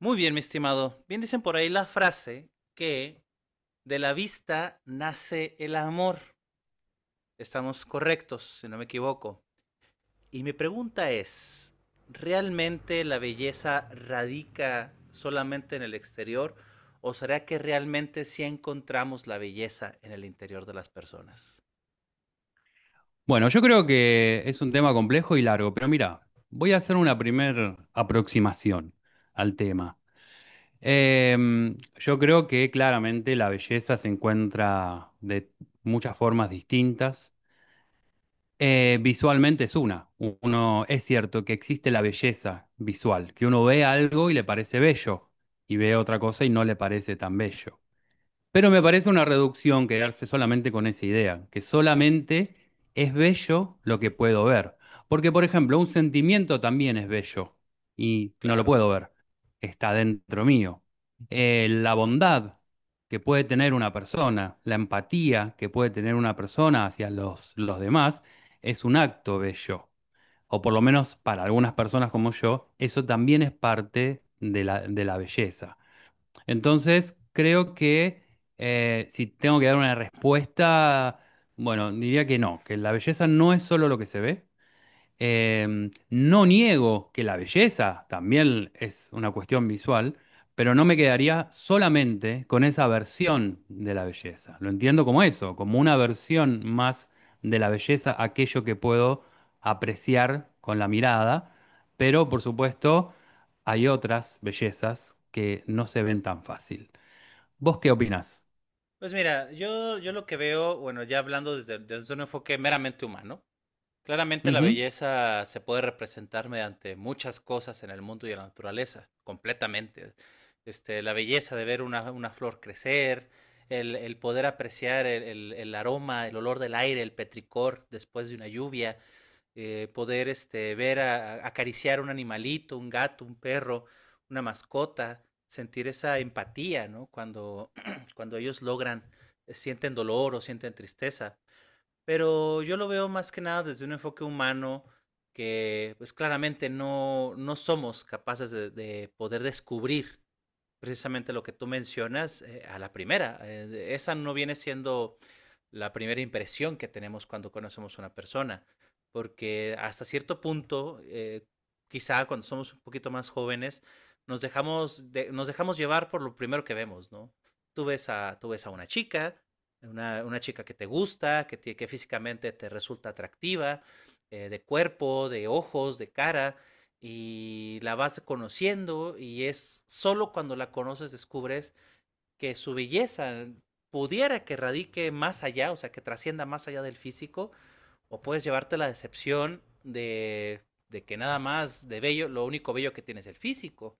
Muy bien, mi estimado. Bien dicen por ahí la frase que de la vista nace el amor. Estamos correctos, si no me equivoco. Y mi pregunta es, ¿realmente la belleza radica solamente en el exterior o será que realmente sí encontramos la belleza en el interior de las personas? Bueno, yo creo que es un tema complejo y largo, pero mira, voy a hacer una primer aproximación al tema. Yo creo que claramente la belleza se encuentra de muchas formas distintas. Visualmente es una. Uno, es cierto que existe la belleza visual, que uno ve algo y le parece bello, y ve otra cosa y no le parece tan bello. Pero me parece una reducción quedarse solamente con esa idea, que solamente es bello lo que puedo ver. Porque, por ejemplo, un sentimiento también es bello y no lo Claro. puedo ver, está dentro mío. La bondad que puede tener una persona, la empatía que puede tener una persona hacia los demás, es un acto bello. O por lo menos para algunas personas como yo, eso también es parte de la belleza. Entonces, creo que si tengo que dar una respuesta, bueno, diría que no, que la belleza no es solo lo que se ve, no niego que la belleza también es una cuestión visual, pero no me quedaría solamente con esa versión de la belleza. Lo entiendo como eso, como una versión más de la belleza, aquello que puedo apreciar con la mirada, pero por supuesto hay otras bellezas que no se ven tan fácil. ¿Vos qué opinás? Pues mira, yo lo que veo, bueno, ya hablando desde un enfoque meramente humano, claramente la Ujú, belleza se puede representar mediante muchas cosas en el mundo y en la naturaleza, completamente. La belleza de ver una flor crecer, el poder apreciar el aroma, el olor del aire, el petricor después de una lluvia, poder ver acariciar un animalito, un gato, un perro, una mascota, sentir esa empatía, ¿no? Cuando, cuando ellos logran, sienten dolor o sienten tristeza, pero yo lo veo más que nada desde un enfoque humano, que pues claramente no somos capaces de poder descubrir precisamente lo que tú mencionas, a la primera. Esa no viene siendo la primera impresión que tenemos cuando conocemos a una persona, porque hasta cierto punto, quizá cuando somos un poquito más jóvenes, nos nos dejamos llevar por lo primero que vemos, ¿no? Tú tú ves a una chica, una chica que te gusta, que físicamente te resulta atractiva, de cuerpo, de ojos, de cara, y la vas conociendo, y es solo cuando la conoces descubres que su belleza pudiera que radique más allá, o sea, que trascienda más allá del físico, o puedes llevarte la decepción de que nada más de bello, lo único bello que tienes es el físico.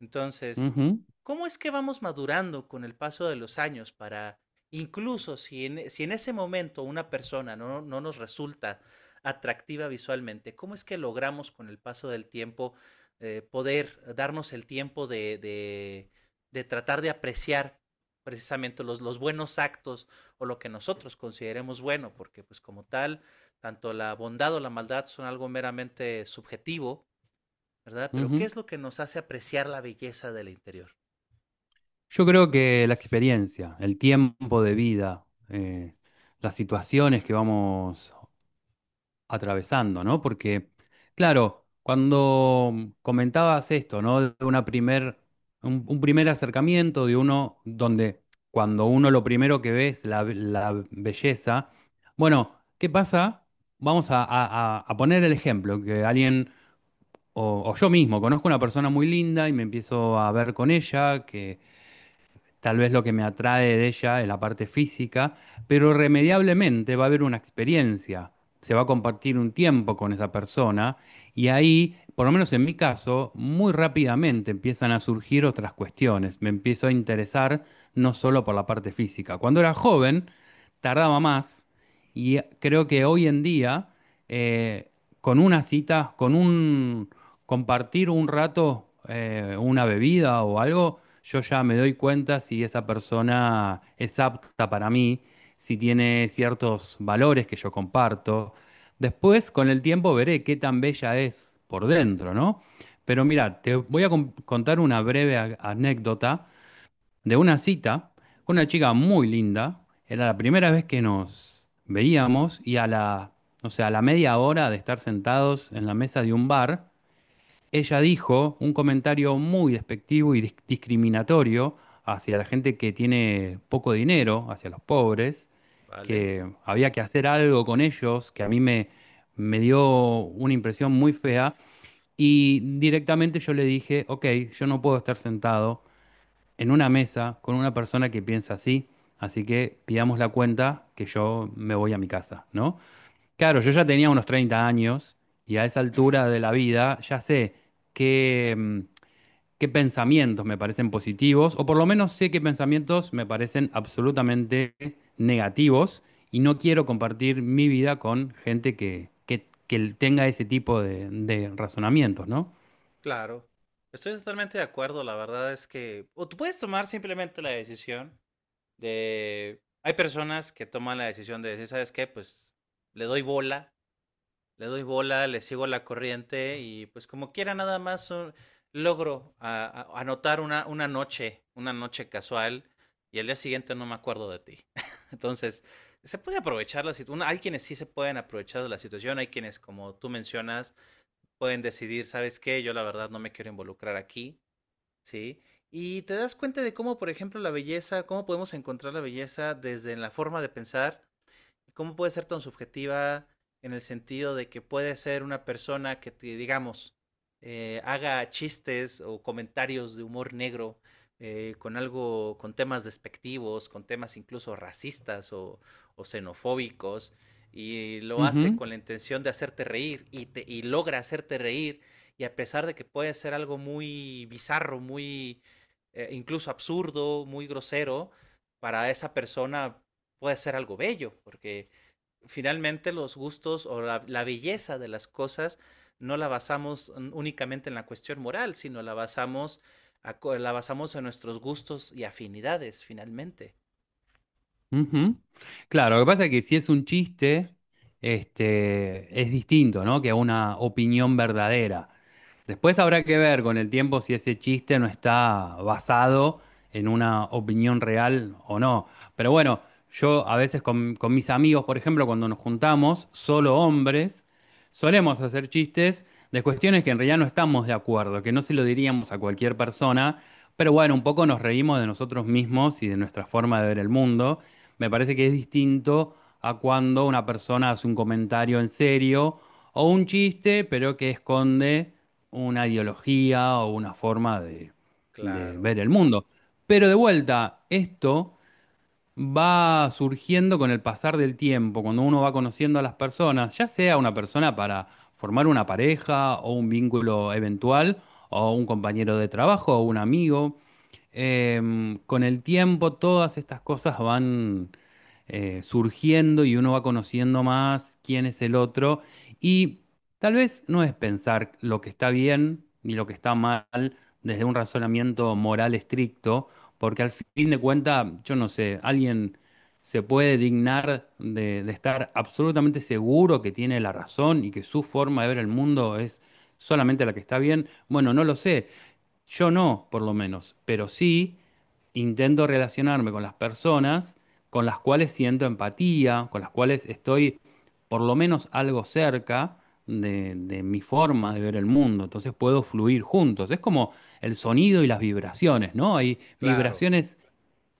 Entonces, ujú, ¿cómo es que vamos madurando con el paso de los años para, incluso si en ese momento una persona no nos resulta atractiva visualmente, cómo es que logramos con el paso del tiempo poder darnos el tiempo de tratar de apreciar precisamente buenos actos o lo que nosotros consideremos bueno? Porque pues como tal, tanto la bondad o la maldad son algo meramente subjetivo, ¿verdad? Pero ¿qué ujú. es lo que nos hace apreciar la belleza del interior? Yo creo que la experiencia, el tiempo de vida, las situaciones que vamos atravesando, ¿no? Porque, claro, cuando comentabas esto, ¿no? De una primer, un primer acercamiento de uno donde cuando uno lo primero que ve es la belleza, bueno, ¿qué pasa? Vamos a poner el ejemplo, que alguien, o yo mismo, conozco una persona muy linda y me empiezo a ver con ella. Tal vez lo que me atrae de ella es la parte física, pero irremediablemente va a haber una experiencia. Se va a compartir un tiempo con esa persona y ahí, por lo menos en mi caso, muy rápidamente empiezan a surgir otras cuestiones. Me empiezo a interesar no solo por la parte física. Cuando era joven, tardaba más y creo que hoy en día, eh, con una cita, con un compartir un rato una bebida o algo, yo ya me doy cuenta si esa persona es apta para mí, si tiene ciertos valores que yo comparto. Después, con el tiempo, veré qué tan bella es por dentro, ¿no? Pero mira, te voy a contar una breve anécdota de una cita con una chica muy linda. Era la primera vez que nos veíamos y a la, o sea, a la media hora de estar sentados en la mesa de un bar, ella dijo un comentario muy despectivo y discriminatorio hacia la gente que tiene poco dinero, hacia los pobres, ¿Vale? que había que hacer algo con ellos, que a me dio una impresión muy fea. Y directamente yo le dije, ok, yo no puedo estar sentado en una mesa con una persona que piensa así, así que pidamos la cuenta que yo me voy a mi casa, ¿no? Claro, yo ¿Vale? ya tenía unos 30 años y a esa altura de la vida ya sé qué, mm, qué pensamientos me parecen positivos o por lo menos sé qué pensamientos me parecen absolutamente negativos y no quiero compartir mi vida con gente que tenga ese tipo de razonamientos, ¿no? Claro. Estoy totalmente de acuerdo. La verdad es que o tú puedes tomar simplemente la decisión de, hay personas que toman la decisión de decir, ¿sabes qué? Pues le doy bola, le doy bola, le sigo la corriente, y pues como quiera nada más, logro anotar una noche casual, y el día siguiente no me acuerdo de ti. Entonces, se puede aprovechar la situación. Hay quienes sí se pueden aprovechar de la situación, hay quienes, como tú mencionas, pueden decidir, ¿sabes qué? Yo la verdad no me quiero involucrar aquí, ¿sí? Y te das cuenta de cómo, por ejemplo, la belleza, cómo podemos encontrar la belleza desde la forma de pensar. ¿Cómo puede ser tan subjetiva, en el sentido de que puede ser una persona que, digamos, haga chistes o comentarios de humor negro, con algo, con temas despectivos, con temas incluso racistas o xenofóbicos, y lo hace Ujú. con la intención de hacerte reír y logra hacerte reír, y a pesar de que puede ser algo muy bizarro, muy incluso absurdo, muy grosero, para esa persona puede ser algo bello, porque finalmente los gustos o belleza de las cosas no la basamos únicamente en la cuestión moral, sino la basamos, la basamos en nuestros gustos y afinidades, finalmente. Ujú. Claro, lo que pasa es que si es un chiste, este, es distinto, ¿no? Que una opinión verdadera. Después habrá que ver con el tiempo si ese chiste no está basado en una opinión real o no. Pero bueno, yo a veces con mis amigos, por ejemplo, cuando nos juntamos, solo hombres, solemos hacer chistes de cuestiones que en realidad no estamos de acuerdo, que no se lo diríamos a cualquier persona, pero bueno, un poco nos reímos de nosotros mismos y de nuestra forma de ver el mundo. Me parece que es distinto a cuando una persona hace un comentario en serio o un chiste, pero que esconde una ideología o una forma de Claro, ver el mundo. Pero de vuelta, esto va surgiendo con el pasar del tiempo, cuando uno va conociendo a las personas, ya sea una persona para formar una pareja o un vínculo eventual, o un compañero de trabajo o un amigo. Con el tiempo todas estas cosas van surgiendo y uno va conociendo más quién es el otro y tal vez no es pensar lo que está bien ni lo que está mal desde un razonamiento moral estricto, porque al fin de cuentas, yo no sé, alguien se puede dignar de estar absolutamente seguro que tiene la razón y que su forma de ver el mundo es solamente la que está bien. Bueno, no lo sé. Yo no, por lo menos, pero sí intento relacionarme con las personas con las cuales siento empatía, con las cuales estoy por lo menos algo cerca de mi forma de ver el mundo. Entonces puedo fluir juntos. Es como el sonido y las vibraciones, ¿no? Hay claro, vibraciones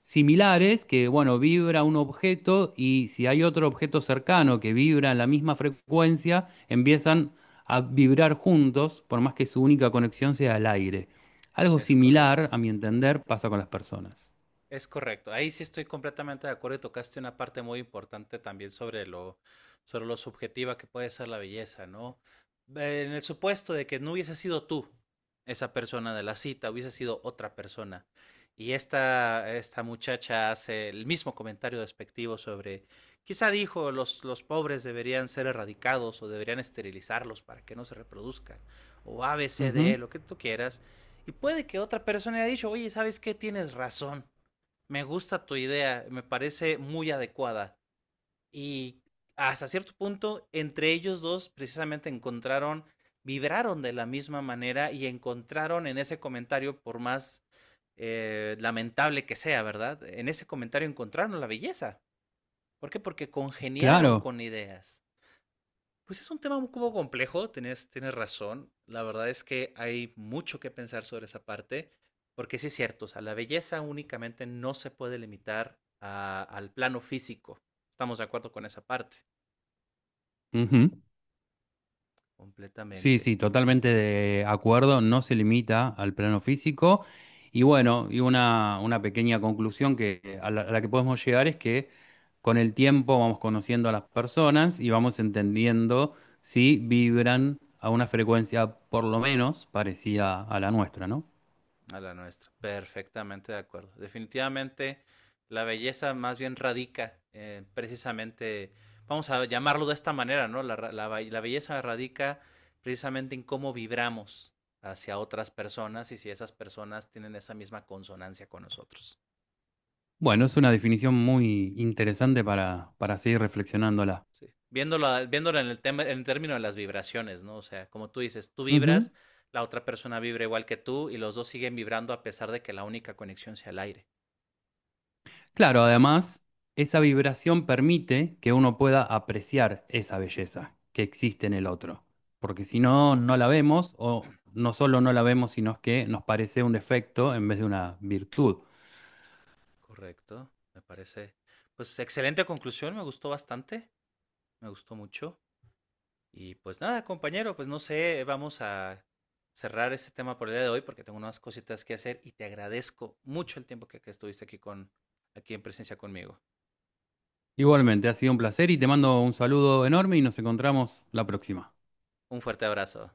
similares que, bueno, vibra un objeto y si hay otro objeto cercano que vibra en la misma frecuencia, empiezan a vibrar juntos, por más que su única conexión sea el aire. Algo es correcto. similar, a mi entender, pasa con las personas. Es correcto. Ahí sí estoy completamente de acuerdo, y tocaste una parte muy importante también sobre lo subjetiva que puede ser la belleza, ¿no? En el supuesto de que no hubiese sido tú esa persona de la cita, hubiese sido otra persona. Y esta muchacha hace el mismo comentario despectivo sobre, quizá dijo, los pobres deberían ser erradicados o deberían esterilizarlos para que no se reproduzcan, o A, B, C, D, E, Ujú. lo que tú quieras. Y puede que otra persona haya dicho, oye, ¿sabes qué? Tienes razón, me gusta tu idea, me parece muy adecuada. Y hasta cierto punto, entre ellos dos precisamente encontraron, vibraron de la misma manera, y encontraron en ese comentario, por más lamentable que sea, ¿verdad? En ese comentario encontraron la belleza. ¿Por qué? Porque congeniaron Claro. con ideas. Pues es un tema un poco complejo, tienes razón. La verdad es que hay mucho que pensar sobre esa parte, porque sí es cierto, o sea, la belleza únicamente no se puede limitar al plano físico. Estamos de acuerdo con esa parte, Ujú. Sí, completamente. sí, totalmente de acuerdo, no se limita al plano físico. Y bueno, y una pequeña conclusión que a la que podemos llegar es que con el tiempo vamos conociendo a las personas y vamos entendiendo si vibran a una frecuencia por lo menos parecida a la nuestra, ¿no? A la nuestra. Perfectamente de acuerdo. Definitivamente la belleza más bien radica, precisamente, vamos a llamarlo de esta manera, ¿no? Belleza radica precisamente en cómo vibramos hacia otras personas y si esas personas tienen esa misma consonancia con nosotros. Bueno, es una definición muy interesante para seguir reflexionándola. Sí. Viéndolo, viéndolo en el tema, en el término de las vibraciones, ¿no? O sea, como tú dices, tú Ujú. vibras, la otra persona vibra igual que tú, y los dos siguen vibrando a pesar de que la única conexión sea el aire. Claro, además, esa vibración permite que uno pueda apreciar esa belleza que existe en el otro, porque si no, no la vemos o no solo no la vemos, sino que nos parece un defecto en vez de una virtud. Correcto, me parece. Pues excelente conclusión, me gustó bastante, me gustó mucho. Y pues nada, compañero, pues no sé, vamos a cerrar este tema por el día de hoy, porque tengo unas cositas que hacer, y te agradezco mucho el tiempo que estuviste aquí con aquí en presencia conmigo. Igualmente, ha sido un placer y te mando un saludo enorme y nos encontramos la próxima. Un fuerte abrazo.